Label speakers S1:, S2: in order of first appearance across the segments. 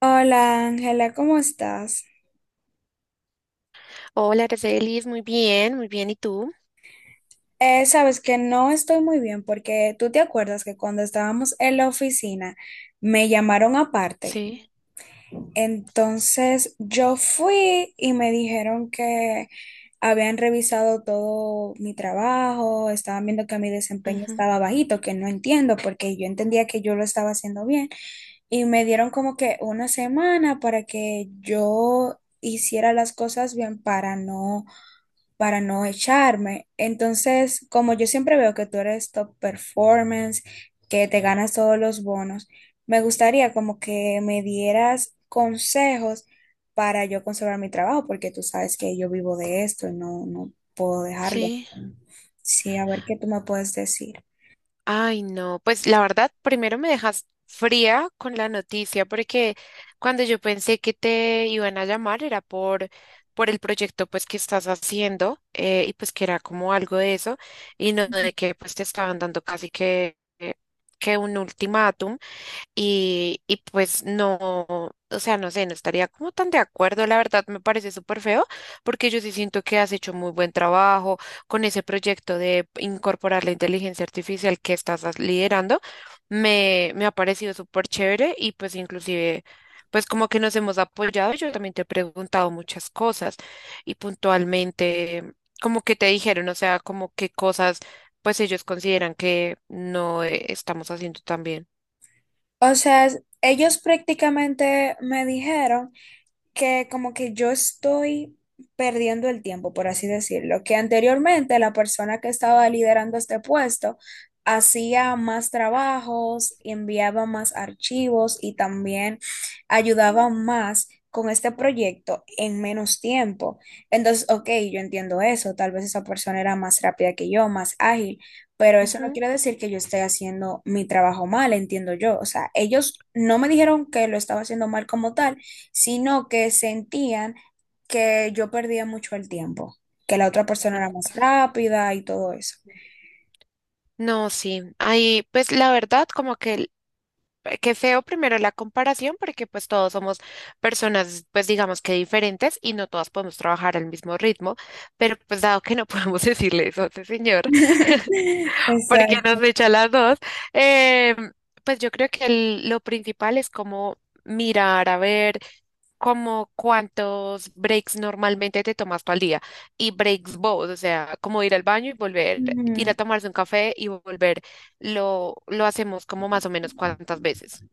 S1: Hola Ángela, ¿cómo estás?
S2: Hola, Aracelis, muy bien, muy bien. ¿Y tú?
S1: Sabes que no estoy muy bien porque tú te acuerdas que cuando estábamos en la oficina me llamaron aparte.
S2: Sí.
S1: Entonces yo fui y me dijeron que habían revisado todo mi trabajo, estaban viendo que mi desempeño
S2: Ujú.
S1: estaba bajito, que no entiendo porque yo entendía que yo lo estaba haciendo bien. Y me dieron como que una semana para que yo hiciera las cosas bien para no echarme. Entonces, como yo siempre veo que tú eres top performance, que te ganas todos los bonos, me gustaría como que me dieras consejos para yo conservar mi trabajo, porque tú sabes que yo vivo de esto y no puedo dejarlo.
S2: Sí.
S1: Sí, a ver qué tú me puedes decir.
S2: Ay, no, pues la verdad, primero me dejas fría con la noticia, porque cuando yo pensé que te iban a llamar era por el proyecto pues que estás haciendo, y pues que era como algo de eso, y no de que pues te estaban dando casi que un ultimátum. Y pues no, o sea, no sé, no estaría como tan de acuerdo, la verdad me parece súper feo, porque yo sí siento que has hecho muy buen trabajo con ese proyecto de incorporar la inteligencia artificial que estás liderando, me ha parecido súper chévere y pues inclusive, pues como que nos hemos apoyado, yo también te he preguntado muchas cosas y puntualmente, como que te dijeron, o sea, como qué cosas pues ellos consideran que no estamos haciendo tan bien.
S1: O sea, ellos prácticamente me dijeron que como que yo estoy perdiendo el tiempo, por así decirlo, que anteriormente la persona que estaba liderando este puesto hacía más trabajos, enviaba más archivos y también ayudaba más con este proyecto en menos tiempo. Entonces, ok, yo entiendo eso, tal vez esa persona era más rápida que yo, más ágil, pero eso no
S2: Ajá.
S1: quiere decir que yo esté haciendo mi trabajo mal, entiendo yo. O sea, ellos no me dijeron que lo estaba haciendo mal como tal, sino que sentían que yo perdía mucho el tiempo, que la otra persona
S2: Ah,
S1: era más rápida y todo eso.
S2: no, sí. Ahí, pues la verdad, como que qué feo primero la comparación, porque pues todos somos personas, pues digamos que diferentes y no todas podemos trabajar al mismo ritmo, pero pues dado que no podemos decirle eso a ese señor, porque nos
S1: Exacto.
S2: echa las dos, eh, pues yo creo que lo principal es como mirar, a ver, como cuántos breaks normalmente te tomas tú al día y breaks vos, o sea, como ir al baño y volver, ir a
S1: Ujú.
S2: tomarse un café y volver, lo hacemos como más o menos cuántas veces.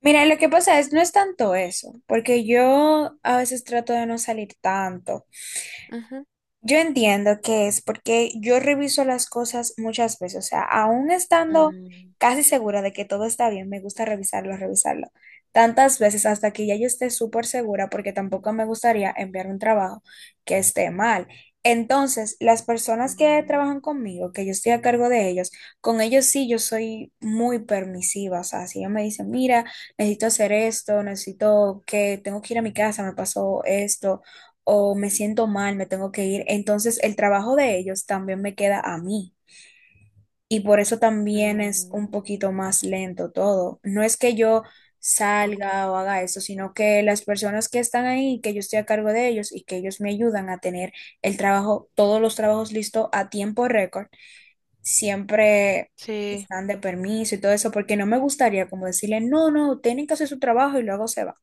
S1: Mira, lo que pasa es, no es tanto eso, porque yo a veces trato de no salir tanto.
S2: Ujú.
S1: Yo entiendo que es porque yo reviso las cosas muchas veces, o sea, aún estando
S2: Mm,
S1: casi segura de que todo está bien, me gusta revisarlo, revisarlo tantas veces hasta que ya yo esté súper segura porque tampoco me gustaría enviar un trabajo que esté mal. Entonces, las personas que
S2: mm,
S1: trabajan conmigo, que yo estoy a cargo de ellos, con ellos sí yo soy muy permisiva, o sea, si ellos me dicen, mira, necesito hacer esto, necesito que tengo que ir a mi casa, me pasó esto o me siento mal, me tengo que ir. Entonces el trabajo de ellos también me queda a mí y por eso también es un
S2: mm,
S1: poquito más lento todo. No es que yo
S2: ok.
S1: salga o haga eso, sino que las personas que están ahí, que yo estoy a cargo de ellos y que ellos me ayudan a tener el trabajo, todos los trabajos listos a tiempo récord, siempre
S2: Sí.
S1: están de permiso y todo eso, porque no me gustaría como decirle, no, no, tienen que hacer su trabajo y luego se van.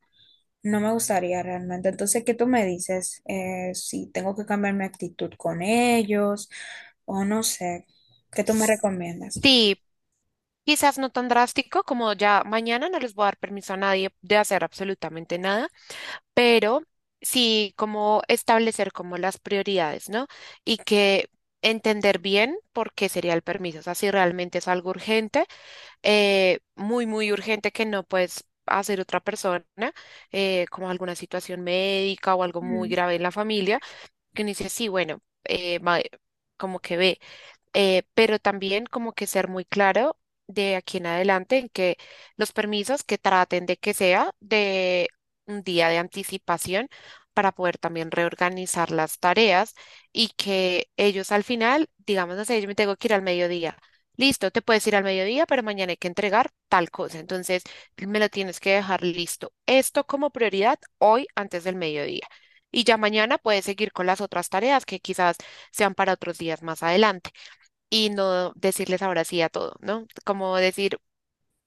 S1: No me gustaría realmente. Entonces, ¿qué tú me dices? Si tengo que cambiar mi actitud con ellos o no sé, ¿qué tú me
S2: S-
S1: recomiendas?
S2: Sí, quizás no tan drástico como ya mañana no les voy a dar permiso a nadie de hacer absolutamente nada, pero sí como establecer como las prioridades, ¿no? Y que entender bien por qué sería el permiso, o sea, si realmente es algo urgente, muy, muy urgente que no puedes hacer otra persona, como alguna situación médica o algo muy
S1: Mm.
S2: grave en la familia, que uno dice, sí, bueno, como que ve, pero también como que ser muy claro de aquí en adelante en que los permisos que traten de que sea de un día de anticipación para poder también reorganizar las tareas y que ellos al final, digamos, no sé, yo me tengo que ir al mediodía. Listo, te puedes ir al mediodía, pero mañana hay que entregar tal cosa. Entonces, me lo tienes que dejar listo. Esto como prioridad hoy antes del mediodía. Y ya mañana puedes seguir con las otras tareas que quizás sean para otros días más adelante y no decirles ahora sí a todo, ¿no? Como decir,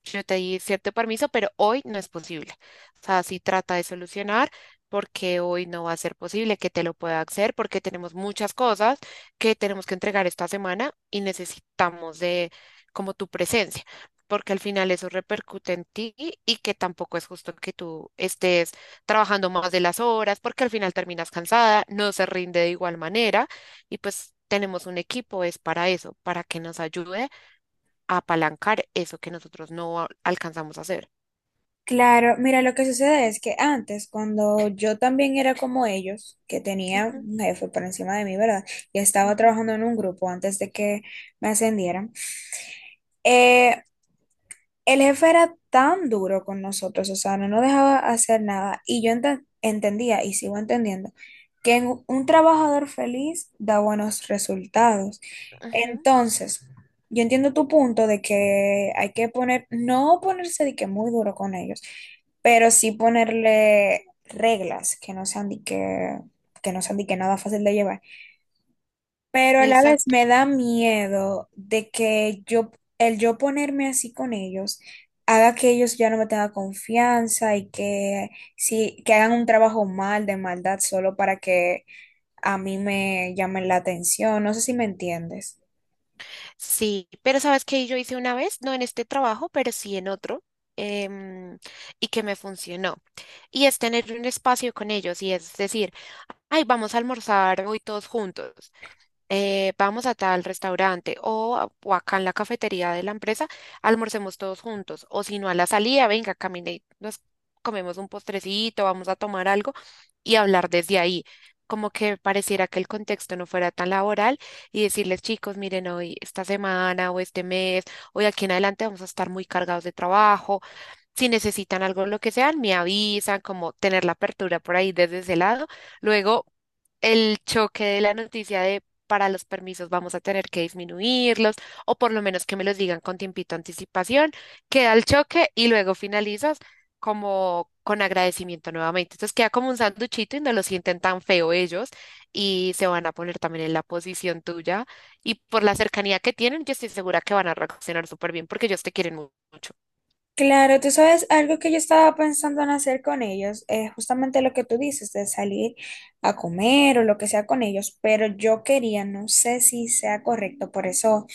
S2: yo te di cierto permiso, pero hoy no es posible. O sea, sí trata de solucionar porque hoy no va a ser posible que te lo pueda hacer porque tenemos muchas cosas que tenemos que entregar esta semana y necesitamos de como tu presencia, porque al final eso repercute en ti y que tampoco es justo que tú estés trabajando más de las horas porque al final terminas cansada, no se rinde de igual manera y pues tenemos un equipo, es para eso, para que nos ayude apalancar eso que nosotros no alcanzamos a hacer.
S1: Claro, mira, lo que sucede es que antes, cuando yo también era como ellos, que tenía
S2: Ujú,
S1: un jefe por encima de mí, ¿verdad? Y estaba
S2: ujú,
S1: trabajando en un grupo antes de que me ascendieran. eh, El jefe era tan duro con nosotros, o sea, no nos dejaba hacer nada. Y yo entendía, y sigo entendiendo, que un trabajador feliz da buenos resultados.
S2: ujú.
S1: Entonces, yo entiendo tu punto de que hay que poner, no ponerse de que muy duro con ellos, pero sí ponerle reglas que no sean de que no sean de que nada fácil de llevar. Pero a la vez
S2: Exacto.
S1: me da miedo de que yo, el yo ponerme así con ellos, haga que ellos ya no me tengan confianza y que, sí, que hagan un trabajo mal, de maldad, solo para que a mí me llamen la atención. No sé si me entiendes.
S2: Sí, pero ¿sabes qué yo hice una vez? No en este trabajo, pero sí en otro. em, y que me funcionó. Y es tener un espacio con ellos y es decir, ay, vamos a almorzar hoy todos juntos. Vamos a tal restaurante o acá en la cafetería de la empresa, almorcemos todos juntos. O si no, a la salida, venga, camine, y nos comemos un postrecito, vamos a tomar algo y hablar desde ahí. Como que pareciera que el contexto no fuera tan laboral y decirles, chicos, miren, hoy, esta semana o este mes, hoy aquí en adelante vamos a estar muy cargados de trabajo, si necesitan algo, lo que sean, me avisan, como tener la apertura por ahí desde ese lado. Luego, el choque de la noticia de para los permisos vamos a tener que disminuirlos, o por lo menos que me los digan con tiempito de anticipación, queda el choque y luego finalizas como con agradecimiento nuevamente. Entonces queda como un sanduchito y no lo sienten tan feo ellos y se van a poner también en la posición tuya y por la cercanía que tienen, yo estoy segura que van a reaccionar súper bien porque ellos te quieren mucho.
S1: Claro, tú sabes, algo que yo estaba pensando en hacer con ellos es justamente lo que tú dices, de salir a comer o lo que sea con ellos, pero yo quería, no sé si sea correcto, por eso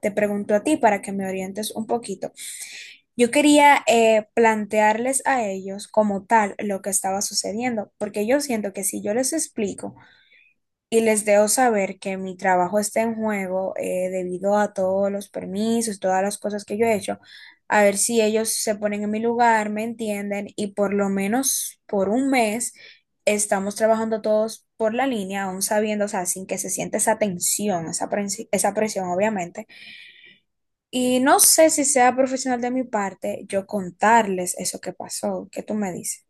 S1: te pregunto a ti para que me orientes un poquito. Yo quería plantearles a ellos como tal lo que estaba sucediendo, porque yo siento que si yo les explico, y les debo saber que mi trabajo está en juego debido a todos los permisos, todas las cosas que yo he hecho. A ver si ellos se ponen en mi lugar, me entienden y por lo menos por un mes estamos trabajando todos por la línea, aún sabiendo, o sea, sin que se sienta esa tensión, esa presión, obviamente. Y no sé si sea profesional de mi parte yo contarles eso que pasó. ¿Qué tú me dices?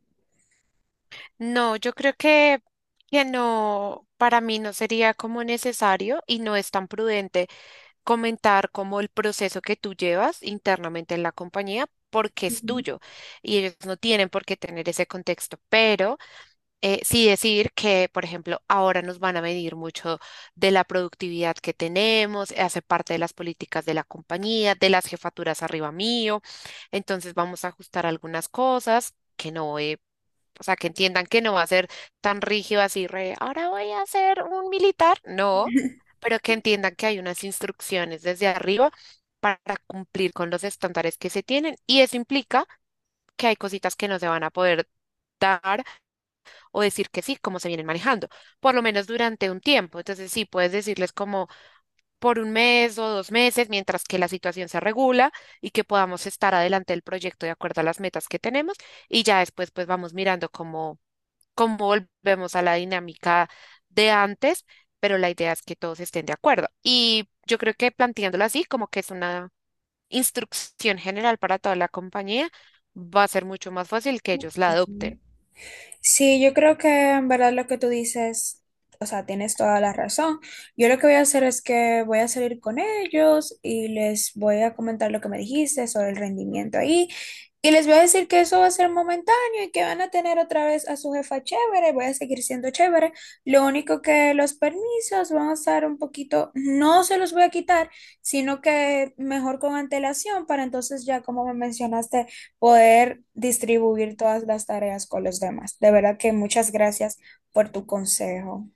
S2: No, yo creo que no, para mí no sería como necesario y no es tan prudente comentar como el proceso que tú llevas internamente en la compañía porque es tuyo y ellos no tienen por qué tener ese contexto, pero sí decir que, por ejemplo, ahora nos van a medir mucho de la productividad que tenemos, hace parte de las políticas de la compañía, de las jefaturas arriba mío, entonces vamos a ajustar algunas cosas que no he o sea, que entiendan que no va a ser tan rígido así, re, ahora voy a ser un militar. No, pero que entiendan que hay unas instrucciones desde arriba para cumplir con los estándares que se tienen. Y eso implica que hay cositas que no se van a poder dar o decir que sí, como se vienen manejando, por lo menos durante un tiempo. Entonces, sí, puedes decirles como por un mes o 2 meses, mientras que la situación se regula y que podamos estar adelante del proyecto de acuerdo a las metas que tenemos. Y ya después, pues vamos mirando cómo como volvemos a la dinámica de antes, pero la idea es que todos estén de acuerdo. Y yo creo que planteándolo así, como que es una instrucción general para toda la compañía, va a ser mucho más fácil que ellos la
S1: Ok.
S2: adopten.
S1: Sí, yo creo que en verdad lo que tú dices, o sea, tienes toda la razón. Yo lo que voy a hacer es que voy a salir con ellos y les voy a comentar lo que me dijiste sobre el rendimiento ahí. Y les voy a decir que eso va a ser momentáneo y que van a tener otra vez a su jefa chévere, voy a seguir siendo chévere. Lo único que los permisos van a estar un poquito, no se los voy a quitar, sino que mejor con antelación para entonces ya, como me mencionaste poder distribuir todas las tareas con los demás. De verdad que muchas gracias por tu consejo.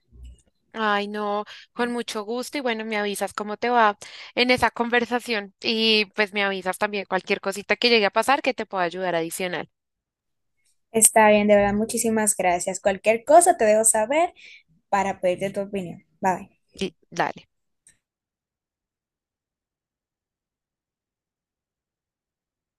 S2: Ay, no, con mucho gusto y bueno, me avisas cómo te va en esa conversación y pues me avisas también cualquier cosita que llegue a pasar que te pueda ayudar adicional.
S1: Está bien, de verdad, muchísimas gracias. Cualquier cosa te dejo saber para pedirte tu opinión. Bye.
S2: Y dale.